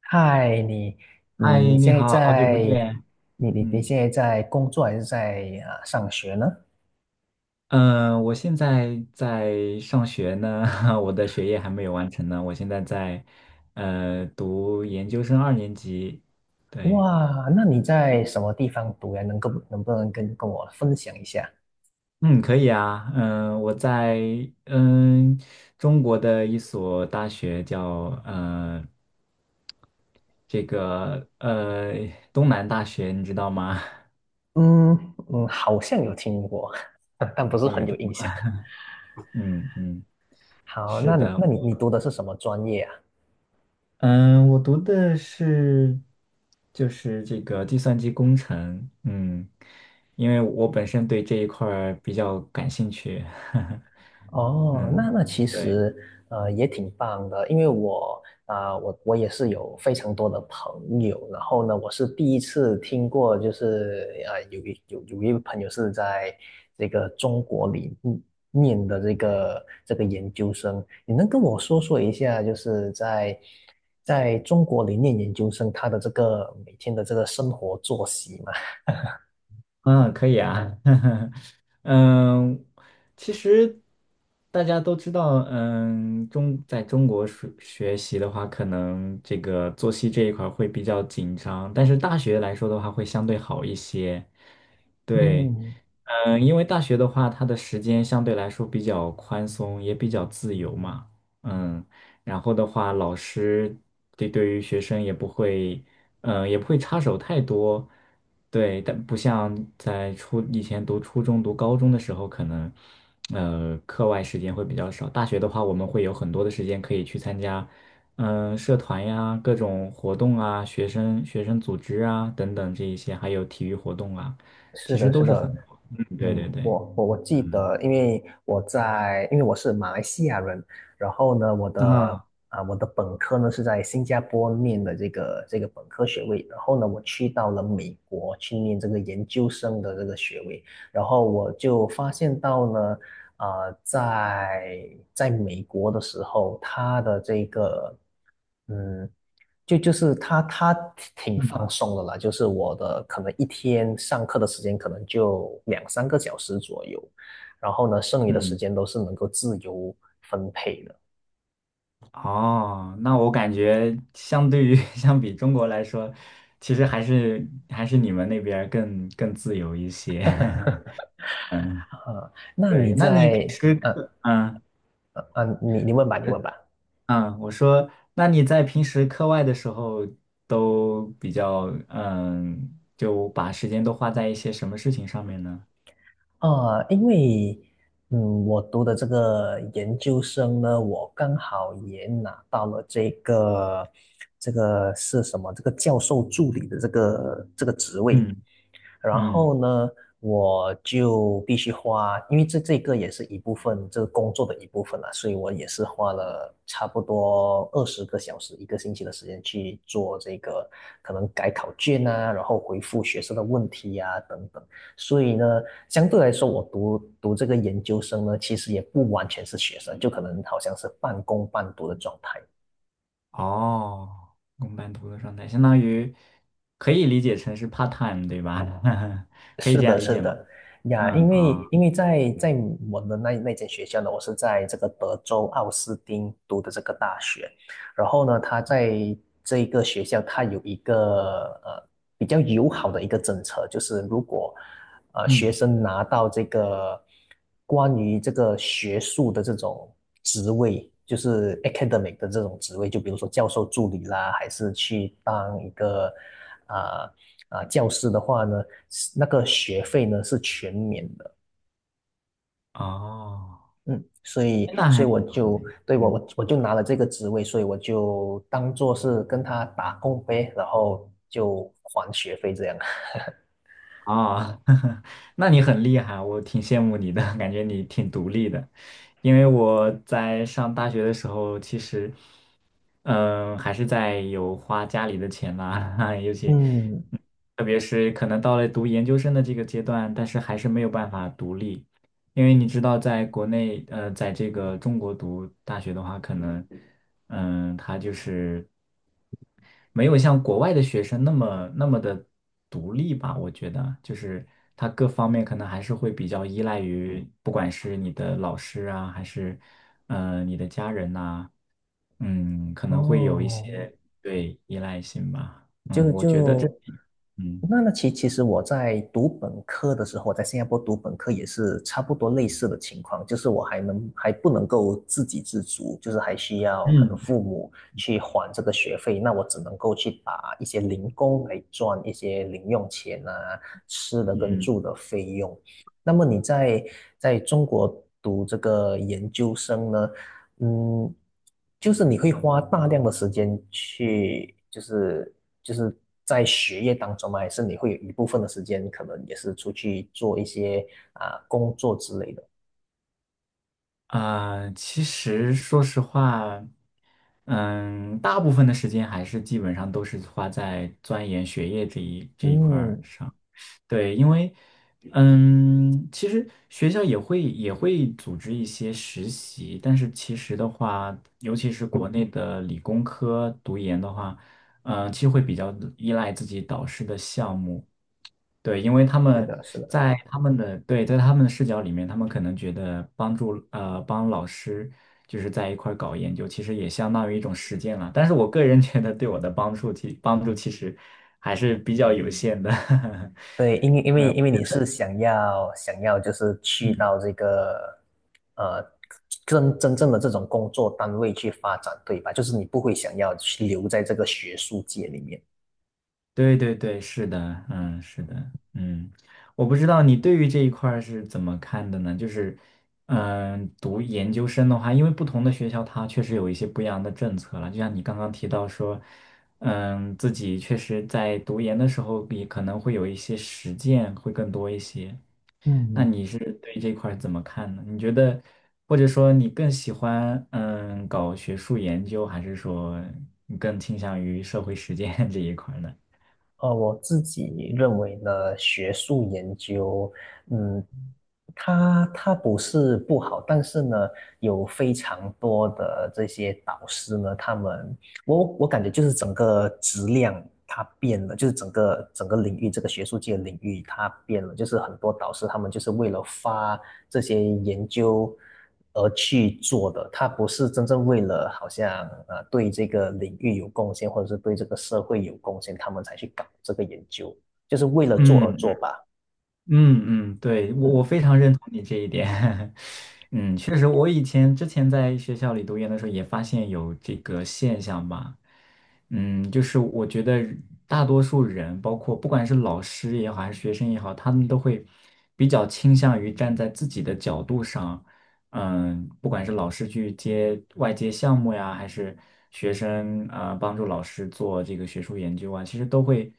嗨，你，嗨，你你现在好，好久不在，见。你嗯现在在工作还是上学呢？嗯，我现在在上学呢，我的学业还没有完成呢。我现在在读研究生二年级。对，哇，那你在什么地方读呀？能不能跟我分享一下？嗯，可以啊。嗯，我在嗯中国的一所大学叫这个东南大学，你知道吗？嗯嗯，好像有听过，但不是很有印象。嗯嗯，好，是那的。那你读的是什么专业啊？嗯，我读的是就是这个计算机工程，因为我本身对这一块儿比较感兴趣，哦，嗯，那其对，实也挺棒的，因为我啊、我我也是有非常多的朋友，然后呢，我是第一次听过，就是有一位朋友是在这个中国里念的这个研究生，你能跟我说说一下，就是在中国里念研究生，他的这个每天的这个生活作息吗？嗯，可以啊，嗯，其实大家都知道，在中国学习的话，可能这个作息这一块儿会比较紧张，但是大学来说的话，会相对好一些，对。嗯因为大学的话，它的时间相对来说比较宽松，也比较自由嘛。嗯，然后的话，老师对于学生也不会，也不会插手太多。对，但不像在以前读初中、读高中的时候，可能课外时间会比较少。大学的话，我们会有很多的时间可以去参加，社团呀、各种活动啊、学生组织啊等等这一些，还有体育活动啊，是其实的，是都是很的，对对嗯，对，我记嗯得，因为我是马来西亚人，然后呢，我的啊，啊、我的本科呢是在新加坡念的这个本科学位，然后呢，我去到了美国去念这个研究生的这个学位，然后我就发现到呢，在美国的时候，他的这个，嗯，就是他挺放嗯松的啦，就是我的可能一天上课的时间可能就两三个小时左右，然后呢，剩余的时嗯，间都是能够自由分配的。哦，那我感觉相对于 相比中国来说，其实还是你们那边儿更自由一些。嗯，啊，那你对，那你平在，时呃课，嗯呃呃，你问吧，你呃问吧。嗯，我说，那你在平时课外的时候都比较，就把时间都花在一些什么事情上面呢？因为我读的这个研究生呢，我刚好也拿到了这个是什么？这个教授助理的这个职位。嗯然嗯。后呢，我就必须花，因为这个也是一部分，这个工作的一部分啦，所以我也是花了差不多20个小时，一个星期的时间去做这个，可能改考卷啊，然后回复学生的问题啊，等等。所以呢，相对来说，我读这个研究生呢，其实也不完全是学生，就可能好像是半工半读的状态。哦，公办读的状态，相当于可以理解成是 part time，对吧？可以是这样的，理是解吗？的，呀，因嗯为啊，因为在我们那间学校呢，我是在这个德州奥斯汀读的这个大学，然后呢，他在这一个学校，他有一个比较友好的一个政策，就是如果学嗯生拿到这个关于这个学术的这种职位，就是 academic 的这种职位，就比如说教授助理啦，还是去当一个啊教师的话呢，那个学费呢是全免的。哦，嗯，所以，那所还以挺我好就的，对我嗯我我就拿了这个职位，所以我就当做是跟他打工呗，然后就还学费这样。哦，那你很厉害，我挺羡慕你的，感觉你挺独立的。因为我在上大学的时候，其实，还是在有花家里的钱啦，尤其，嗯，嗯特别是可能到了读研究生的这个阶段，但是还是没有办法独立。因为你知道，在国内，在这个中国读大学的话，可能，他就是没有像国外的学生那么那么的独立吧。我觉得，就是他各方面可能还是会比较依赖于，不管是你的老师啊，还是，你的家人呐，可能会有一哦，些对依赖性吧。嗯，就我觉得这，就嗯那其实我在读本科的时候，我在新加坡读本科也是差不多类似的情况，就是我还不能够自给自足，就是还需要可能嗯父母去还这个学费，那我只能够去打一些零工来赚一些零用钱啊，吃的跟嗯。住的费用。那么你在中国读这个研究生呢？嗯，就是你会花大量的时间去，就是在学业当中吗？还是你会有一部分的时间，可能也是出去做一些工作之类的？其实说实话，大部分的时间还是基本上都是花在钻研学业这一块儿嗯，上。对，因为，其实学校也会组织一些实习，但是其实的话，尤其是国内的理工科读研的话，其实会比较依赖自己导师的项目。对，因为他是们的，是的，在他们的对，在他们的视角里面，他们可能觉得帮老师就是在一块儿搞研究，其实也相当于一种实践了。但是我个人觉得对我的帮助其实还是比较有限的。对，因为你是想要就是去嗯到这个呃真正的这种工作单位去发展，对吧？就是你不会想要去留在这个学术界里面。对对对，是的，是的，我不知道你对于这一块儿是怎么看的呢？就是，读研究生的话，因为不同的学校它确实有一些不一样的政策了，就像你刚刚提到说，自己确实在读研的时候也可能会有一些实践会更多一些。那嗯，你是对这块儿怎么看呢？你觉得，或者说你更喜欢搞学术研究，还是说你更倾向于社会实践 这一块儿呢？我自己认为呢，学术研究，嗯，它不是不好，但是呢，有非常多的这些导师呢，他们，我感觉就是整个质量它变了，就是整个领域这个学术界的领域它变了，就是很多导师他们就是为了发这些研究而去做的，他不是真正为了好像对这个领域有贡献，或者是对这个社会有贡献，他们才去搞这个研究，就是为了做而嗯做吧。嗯嗯，对，我嗯，非常认同你这一点。确实，我之前在学校里读研的时候也发现有这个现象吧。就是我觉得大多数人，包括不管是老师也好，还是学生也好，他们都会比较倾向于站在自己的角度上。不管是老师去接项目呀，还是学生啊，帮助老师做这个学术研究啊，其实都会。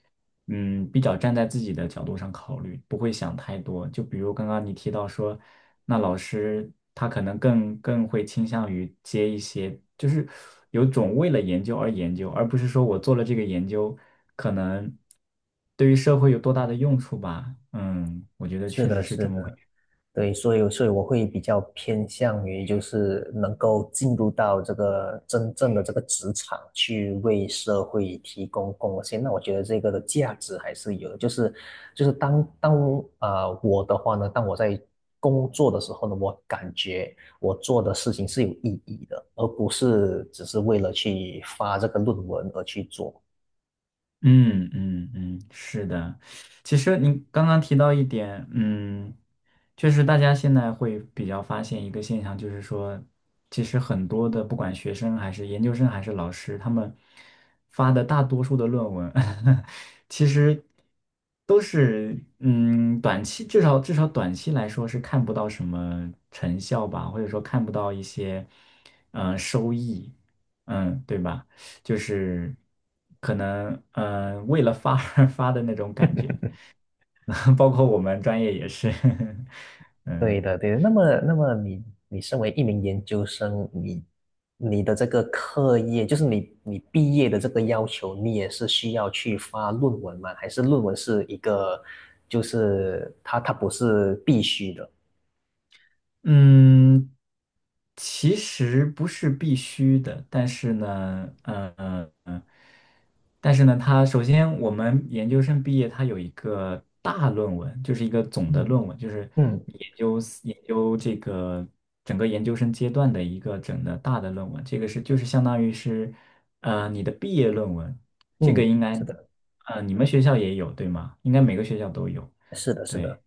比较站在自己的角度上考虑，不会想太多。就比如刚刚你提到说，那老师他可能更会倾向于接一些，就是有种为了研究而研究，而不是说我做了这个研究，可能对于社会有多大的用处吧。嗯，我觉得是确实的，是这是么回的。事。对，所以我会比较偏向于就是能够进入到这个真正的这个职场去为社会提供贡献，那我觉得这个的价值还是有的。就是就是当当啊、呃我的话呢，当我在工作的时候呢，我感觉我做的事情是有意义的，而不是只是为了去发这个论文而去做。嗯嗯嗯，是的。其实您刚刚提到一点，就是大家现在会比较发现一个现象，就是说，其实很多的不管学生还是研究生还是老师，他们发的大多数的论文，其实都是短期，至少短期来说是看不到什么成效吧，或者说看不到一些收益，对吧？就是可能为了发而 发的那种感觉，包括我们专业也是，对嗯。的，对的。那么，你身为一名研究生，你的这个课业，就是你毕业的这个要求，你也是需要去发论文吗？还是论文是一个，就是它不是必须的？嗯，其实不是必须的，但是呢，但是呢，它首先我们研究生毕业，它有一个大论文，就是一个总的嗯论文，就是嗯你研究这个整个研究生阶段的一个整的大的论文，这个是就是相当于是你的毕业论文，这个嗯，应是该的，你们学校也有对吗？应该每个学校都有，是的，是对。的。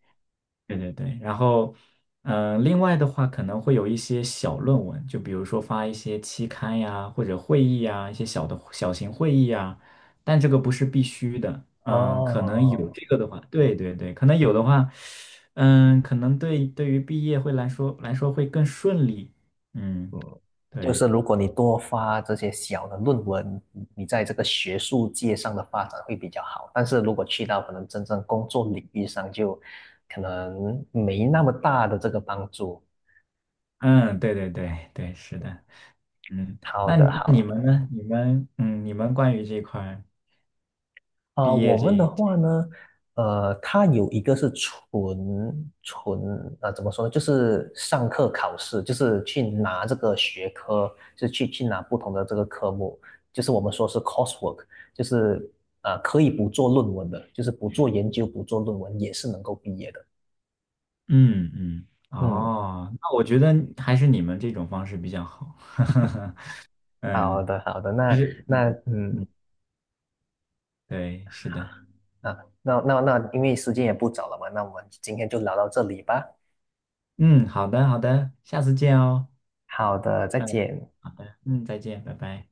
对对对，然后，另外的话可能会有一些小论文，就比如说发一些期刊呀，或者会议呀，一些小的小型会议呀，但这个不是必须的，可能有哦，这个的话，对对对，可能有的话，可能对于毕业会来说会更顺利，嗯，嗯，就对，是如果你多发这些小的论文，你在这个学术界上的发展会比较好。但是如果去到可能真正工作领域上，就可能没那么大的这个帮助。嗯，对对对对，是的，嗯，好那的，你好们呢？你们关于这块儿毕业我这们的一话呢，它有一个是纯纯呃，怎么说呢？就是上课考试，就是去拿这个学科，就是去拿不同的这个科目，就是我们说是 coursework,就是可以不做论文的，就是不做研究、不做论文也是能够毕业的。嗯嗯，嗯，哦，那我觉得还是你们这种方式比较好。好嗯，的好的，就那是那嗯嗯嗯，对，是的，啊，那那那，因为时间也不早了嘛，那我们今天就聊到这里吧。嗯，好的好的，下次见哦。好的，再嗯，见。好的，再见，拜拜。